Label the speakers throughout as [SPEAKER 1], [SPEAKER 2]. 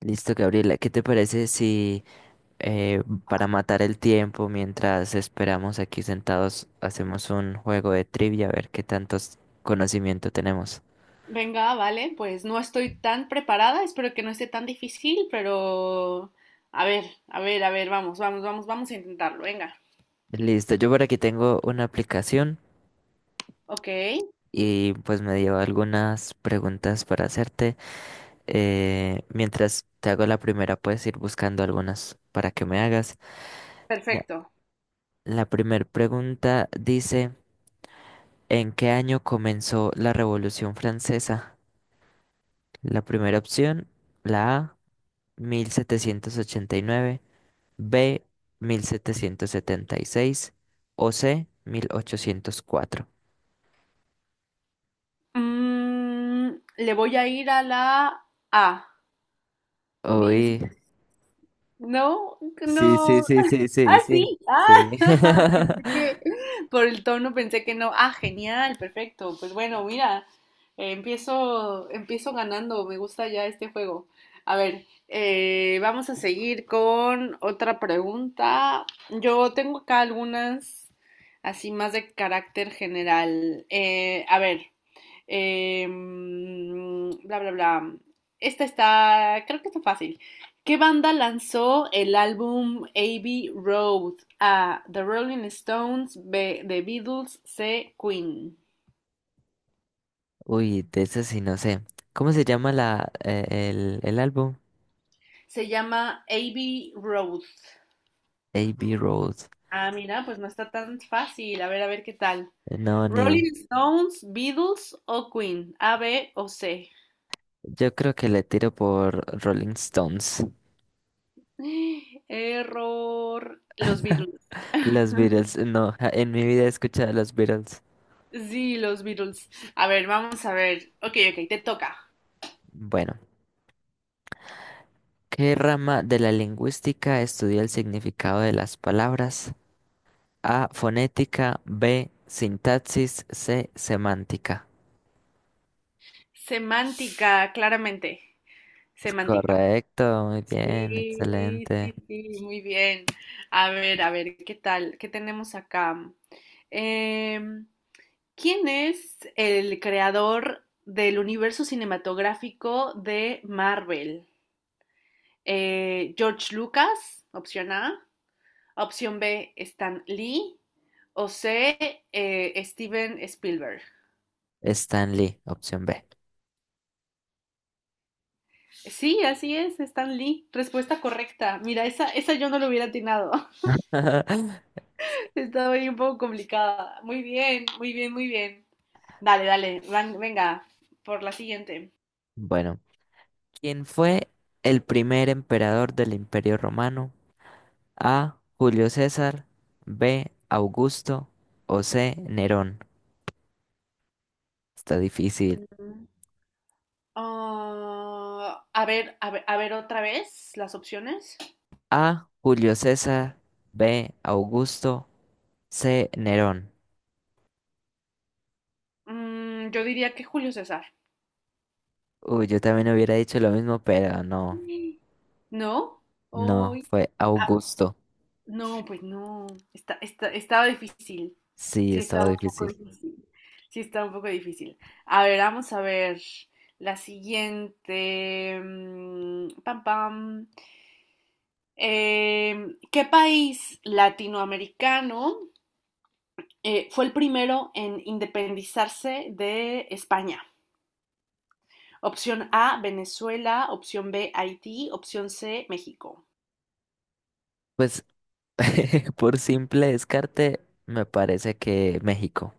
[SPEAKER 1] Listo, Gabriela, ¿qué te parece si eh, para matar el tiempo mientras esperamos aquí sentados hacemos un juego de trivia a ver qué tantos conocimiento tenemos?
[SPEAKER 2] Venga, vale, pues no estoy tan preparada, espero que no esté tan difícil, pero a ver, a ver, a ver, vamos, vamos, vamos, vamos a intentarlo, venga.
[SPEAKER 1] Listo, yo por aquí tengo una aplicación
[SPEAKER 2] Ok,
[SPEAKER 1] y pues me dio algunas preguntas para hacerte. Mientras te hago la primera, puedes ir buscando algunas para que me hagas. La,
[SPEAKER 2] perfecto.
[SPEAKER 1] la primera pregunta dice, ¿en qué año comenzó la Revolución Francesa? La primera opción, la A, 1789. B, 1776. O C, 1804.
[SPEAKER 2] Mm, le voy a ir a la A. Mil...
[SPEAKER 1] Uy,
[SPEAKER 2] No,
[SPEAKER 1] sí, sí,
[SPEAKER 2] no,
[SPEAKER 1] sí, sí, sí,
[SPEAKER 2] ah,
[SPEAKER 1] sí,
[SPEAKER 2] sí. Ah,
[SPEAKER 1] sí.
[SPEAKER 2] pensé que por el tono pensé que no. Ah, genial, perfecto. Pues bueno, mira, empiezo ganando. Me gusta ya este juego. A ver, vamos a seguir con otra pregunta. Yo tengo acá algunas así más de carácter general. A ver eh, bla, bla, bla. Esta creo que está fácil. ¿Qué banda lanzó el álbum Abbey Road? A, The Rolling Stones; B, The Beatles; C, Queen.
[SPEAKER 1] Uy, de eso sí no sé. ¿Cómo se llama el álbum?
[SPEAKER 2] Se llama Abbey Road.
[SPEAKER 1] A.B. Road.
[SPEAKER 2] Ah, mira, pues no está tan fácil. A ver qué tal.
[SPEAKER 1] No, ni idea.
[SPEAKER 2] Rolling Stones, Beatles o Queen. A, B o C.
[SPEAKER 1] Yo creo que le tiro por Rolling Stones.
[SPEAKER 2] Error. Los Beatles.
[SPEAKER 1] Los Beatles, no, en mi vida he escuchado a los Beatles.
[SPEAKER 2] Sí, los Beatles. A ver, vamos a ver. Ok, ok, te toca.
[SPEAKER 1] Bueno. ¿Qué rama de la lingüística estudia el significado de las palabras? A, fonética. B, sintaxis. C, semántica.
[SPEAKER 2] Semántica, claramente.
[SPEAKER 1] Es
[SPEAKER 2] Semántica.
[SPEAKER 1] correcto, muy bien,
[SPEAKER 2] Sí, sí,
[SPEAKER 1] excelente.
[SPEAKER 2] sí, muy bien. A ver, ¿qué tal? ¿Qué tenemos acá? Em, ¿Quién es el creador del universo cinematográfico de Marvel? George Lucas, opción A. Opción B, Stan Lee. O C, Steven Spielberg.
[SPEAKER 1] Stanley, opción B.
[SPEAKER 2] Sí, así es, Stan Lee. Respuesta correcta. Mira, esa yo no lo hubiera atinado. Estaba ahí un poco complicada. Muy bien, muy bien, muy bien. Dale, dale, venga, por la siguiente.
[SPEAKER 1] Bueno, ¿quién fue el primer emperador del Imperio Romano? A, Julio César. B, Augusto. O C, Nerón. Está difícil.
[SPEAKER 2] Mm. Ah, a ver, a ver, a ver otra vez las opciones.
[SPEAKER 1] A, Julio César. B, Augusto. C, Nerón.
[SPEAKER 2] Mm, yo diría que Julio César.
[SPEAKER 1] Uy, yo también hubiera dicho lo mismo, pero no,
[SPEAKER 2] Sí. ¿No?
[SPEAKER 1] no,
[SPEAKER 2] Ay,
[SPEAKER 1] fue
[SPEAKER 2] ah,
[SPEAKER 1] Augusto.
[SPEAKER 2] no, pues no. Estaba difícil.
[SPEAKER 1] Sí,
[SPEAKER 2] Sí, está
[SPEAKER 1] estaba
[SPEAKER 2] un poco
[SPEAKER 1] difícil.
[SPEAKER 2] difícil. Sí, está un poco difícil. A ver, vamos a ver la siguiente. Mm, pam, pam. ¿Qué país latinoamericano fue el primero en independizarse de España? Opción A, Venezuela. Opción B, Haití. Opción C, México.
[SPEAKER 1] Pues por simple descarte, me parece que México.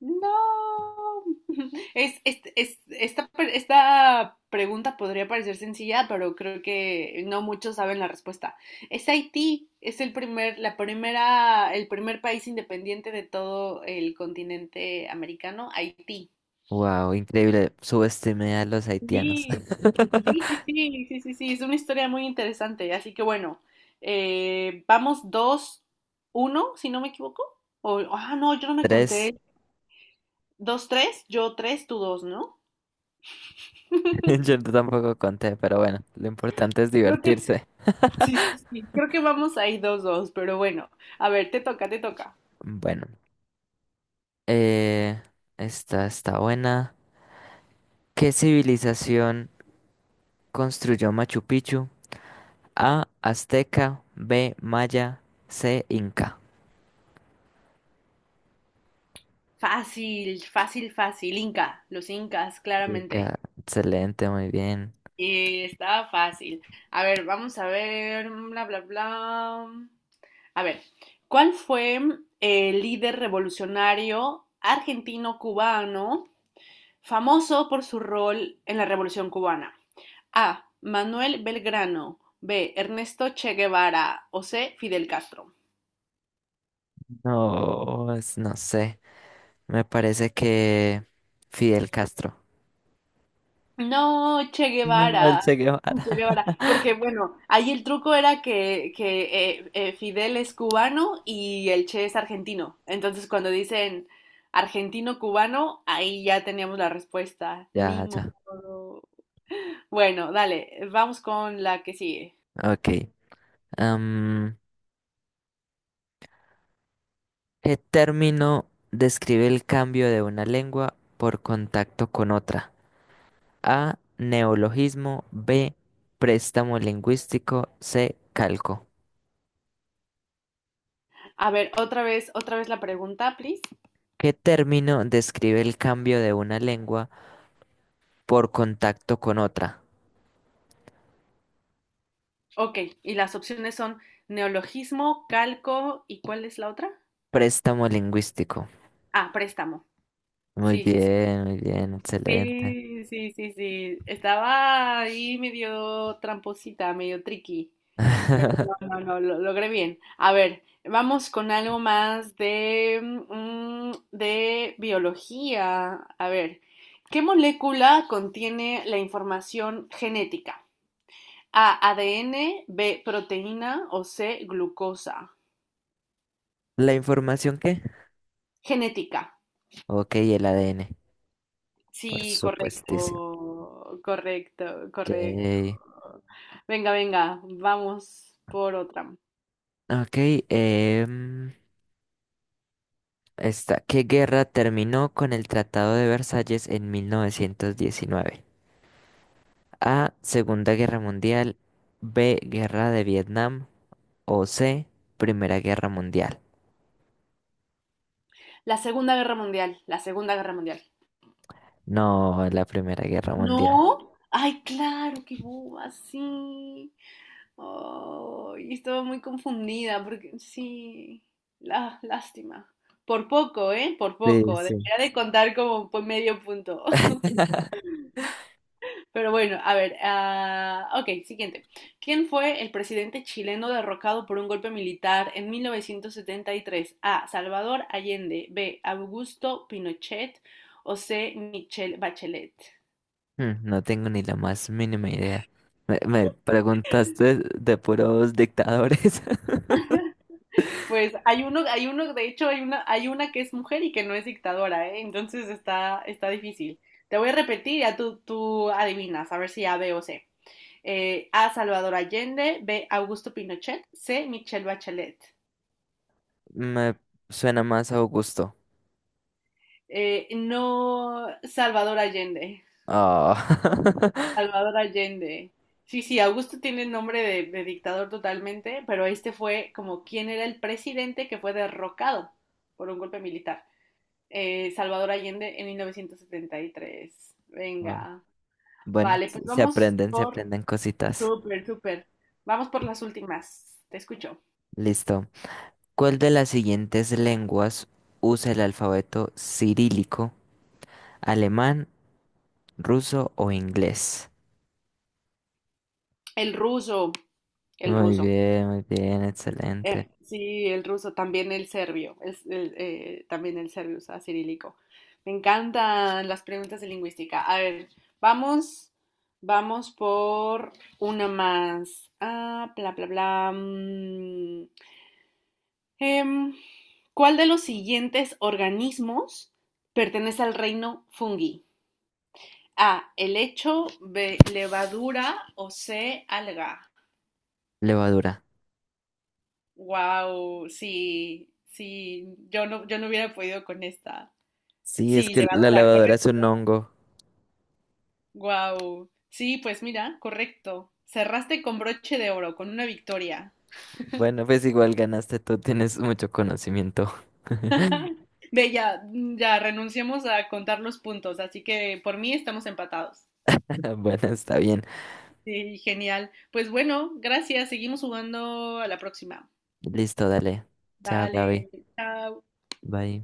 [SPEAKER 2] No. Esta, esta pregunta podría parecer sencilla, pero creo que no muchos saben la respuesta. Es Haití, es el primer, la primera, el primer país independiente de todo el continente americano, Haití.
[SPEAKER 1] Wow, increíble. Subestimé a los haitianos.
[SPEAKER 2] Sí, sí, sí, sí, sí, sí, sí, es una historia muy interesante. Así que bueno, vamos dos uno, si no me equivoco. O, ah, no, yo no me
[SPEAKER 1] Tres.
[SPEAKER 2] conté. Dos tres, yo tres, tú 2, ¿no?
[SPEAKER 1] Yo tampoco conté, pero bueno, lo importante es
[SPEAKER 2] Creo que
[SPEAKER 1] divertirse.
[SPEAKER 2] sí, sí, sí. Creo que vamos ahí dos, dos, pero bueno. A ver, te toca, te toca.
[SPEAKER 1] Bueno, eh, esta está buena. ¿Qué civilización construyó Machu Picchu? A, azteca. B, maya. C, inca.
[SPEAKER 2] Fácil, fácil, fácil. Inca, los incas, claramente.
[SPEAKER 1] Inca, excelente, muy bien.
[SPEAKER 2] Y estaba fácil. A ver, vamos a ver, bla, bla, bla. A ver, ¿cuál fue el líder revolucionario argentino-cubano famoso por su rol en la Revolución Cubana? A, Manuel Belgrano; B, Ernesto Che Guevara; o C, Fidel Castro.
[SPEAKER 1] No, no sé, me parece que Fidel Castro.
[SPEAKER 2] No, Che
[SPEAKER 1] No, el
[SPEAKER 2] Guevara.
[SPEAKER 1] Che
[SPEAKER 2] Che
[SPEAKER 1] Guevara.
[SPEAKER 2] Guevara. Porque bueno, ahí el truco era que Fidel es cubano y el Che es argentino. Entonces cuando dicen argentino-cubano, ahí ya teníamos la respuesta. Ni
[SPEAKER 1] Ya, ya,
[SPEAKER 2] modo. Bueno, dale, vamos con la que sigue.
[SPEAKER 1] ok. Am, ¿Qué término describe el cambio de una lengua por contacto con otra? A, neologismo. B, préstamo lingüístico. C, calco.
[SPEAKER 2] A ver, otra vez la pregunta, please.
[SPEAKER 1] ¿Qué término describe el cambio de una lengua por contacto con otra?
[SPEAKER 2] Ok, y las opciones son neologismo, calco, ¿y cuál es la otra?
[SPEAKER 1] Préstamo lingüístico.
[SPEAKER 2] Ah, préstamo. Sí, sí, sí.
[SPEAKER 1] Muy bien, excelente.
[SPEAKER 2] Sí, sí, sí, sí. Estaba ahí medio tramposita, medio tricky, pero no, no, no, lo logré bien. A ver, vamos con algo más de, mm, de biología. A ver, ¿qué molécula contiene la información genética? A, ADN; B, proteína; o C, glucosa.
[SPEAKER 1] ¿La información qué?
[SPEAKER 2] Genética.
[SPEAKER 1] Ok, el ADN, por
[SPEAKER 2] Sí,
[SPEAKER 1] supuestísimo.
[SPEAKER 2] correcto, correcto, correcto.
[SPEAKER 1] Yay.
[SPEAKER 2] Venga, venga, vamos por otra.
[SPEAKER 1] Ok, em, esta. ¿Qué guerra terminó con el Tratado de Versalles en 1919? A, Segunda Guerra Mundial. B, Guerra de Vietnam. O C, Primera Guerra Mundial.
[SPEAKER 2] La Segunda Guerra Mundial, la Segunda Guerra Mundial.
[SPEAKER 1] No, la Primera Guerra Mundial.
[SPEAKER 2] ¿No? Ay, claro, qué boba, sí. Oh, y estaba muy confundida porque sí, la, lástima. Por poco, ¿eh? Por
[SPEAKER 1] Sí,
[SPEAKER 2] poco.
[SPEAKER 1] sí.
[SPEAKER 2] Debería de contar como por medio punto. Pero bueno, a ver, ah, ok, siguiente. ¿Quién fue el presidente chileno derrocado por un golpe militar en 1973? A, Salvador Allende; B, Augusto Pinochet; o C, Michelle Bachelet.
[SPEAKER 1] Hmm, no tengo ni la más mínima idea. Me preguntaste de puros dictadores.
[SPEAKER 2] Pues hay uno, de hecho hay una que es mujer y que no es dictadora, ¿eh? Entonces está difícil. Te voy a repetir, ya tú adivinas, a ver si A, B o C. A, Salvador Allende; B, Augusto Pinochet; C, Michelle Bachelet.
[SPEAKER 1] Me suena más a Augusto.
[SPEAKER 2] No, Salvador Allende.
[SPEAKER 1] Ah.
[SPEAKER 2] Salvador Allende. Sí, sí, Augusto tiene nombre de dictador totalmente, pero este fue como quien era el presidente que fue derrocado por un golpe militar. Salvador Allende en 1973.
[SPEAKER 1] Ah,
[SPEAKER 2] Venga.
[SPEAKER 1] bueno,
[SPEAKER 2] Vale, pues
[SPEAKER 1] se
[SPEAKER 2] vamos
[SPEAKER 1] aprenden, se
[SPEAKER 2] por...
[SPEAKER 1] aprenden cositas.
[SPEAKER 2] Súper, súper. Vamos por las últimas. Te escucho.
[SPEAKER 1] Listo. ¿Cuál de las siguientes lenguas usa el alfabeto cirílico: alemán, ruso o inglés?
[SPEAKER 2] El ruso, el ruso.
[SPEAKER 1] Muy bien, excelente.
[SPEAKER 2] Sí, el ruso, también el serbio, es el, también el serbio usa cirílico. Me encantan las preguntas de lingüística. A ver, vamos, vamos por una más. Ah, bla, bla, bla. Mm, em, ¿cuál de los siguientes organismos pertenece al reino fungi? A, helecho; B, levadura; o C, alga.
[SPEAKER 1] Levadura.
[SPEAKER 2] Wow, sí, sí, yo no, yo no hubiera podido con esta.
[SPEAKER 1] Sí, es
[SPEAKER 2] Sí,
[SPEAKER 1] que la
[SPEAKER 2] levadura,
[SPEAKER 1] levadura
[SPEAKER 2] correcto.
[SPEAKER 1] es un hongo.
[SPEAKER 2] Wow. Sí, pues mira, correcto. Cerraste con broche de oro, con una victoria.
[SPEAKER 1] Bueno, pues igual ganaste tú, tienes mucho conocimiento.
[SPEAKER 2] Ve, ya, mm, ya renunciamos a contar los puntos, así que por mí estamos empatados.
[SPEAKER 1] Bueno, está bien.
[SPEAKER 2] Sí, genial. Pues bueno, gracias. Seguimos jugando a la próxima.
[SPEAKER 1] Listo, dale. Chao, Gaby.
[SPEAKER 2] Vale, chao.
[SPEAKER 1] Bye.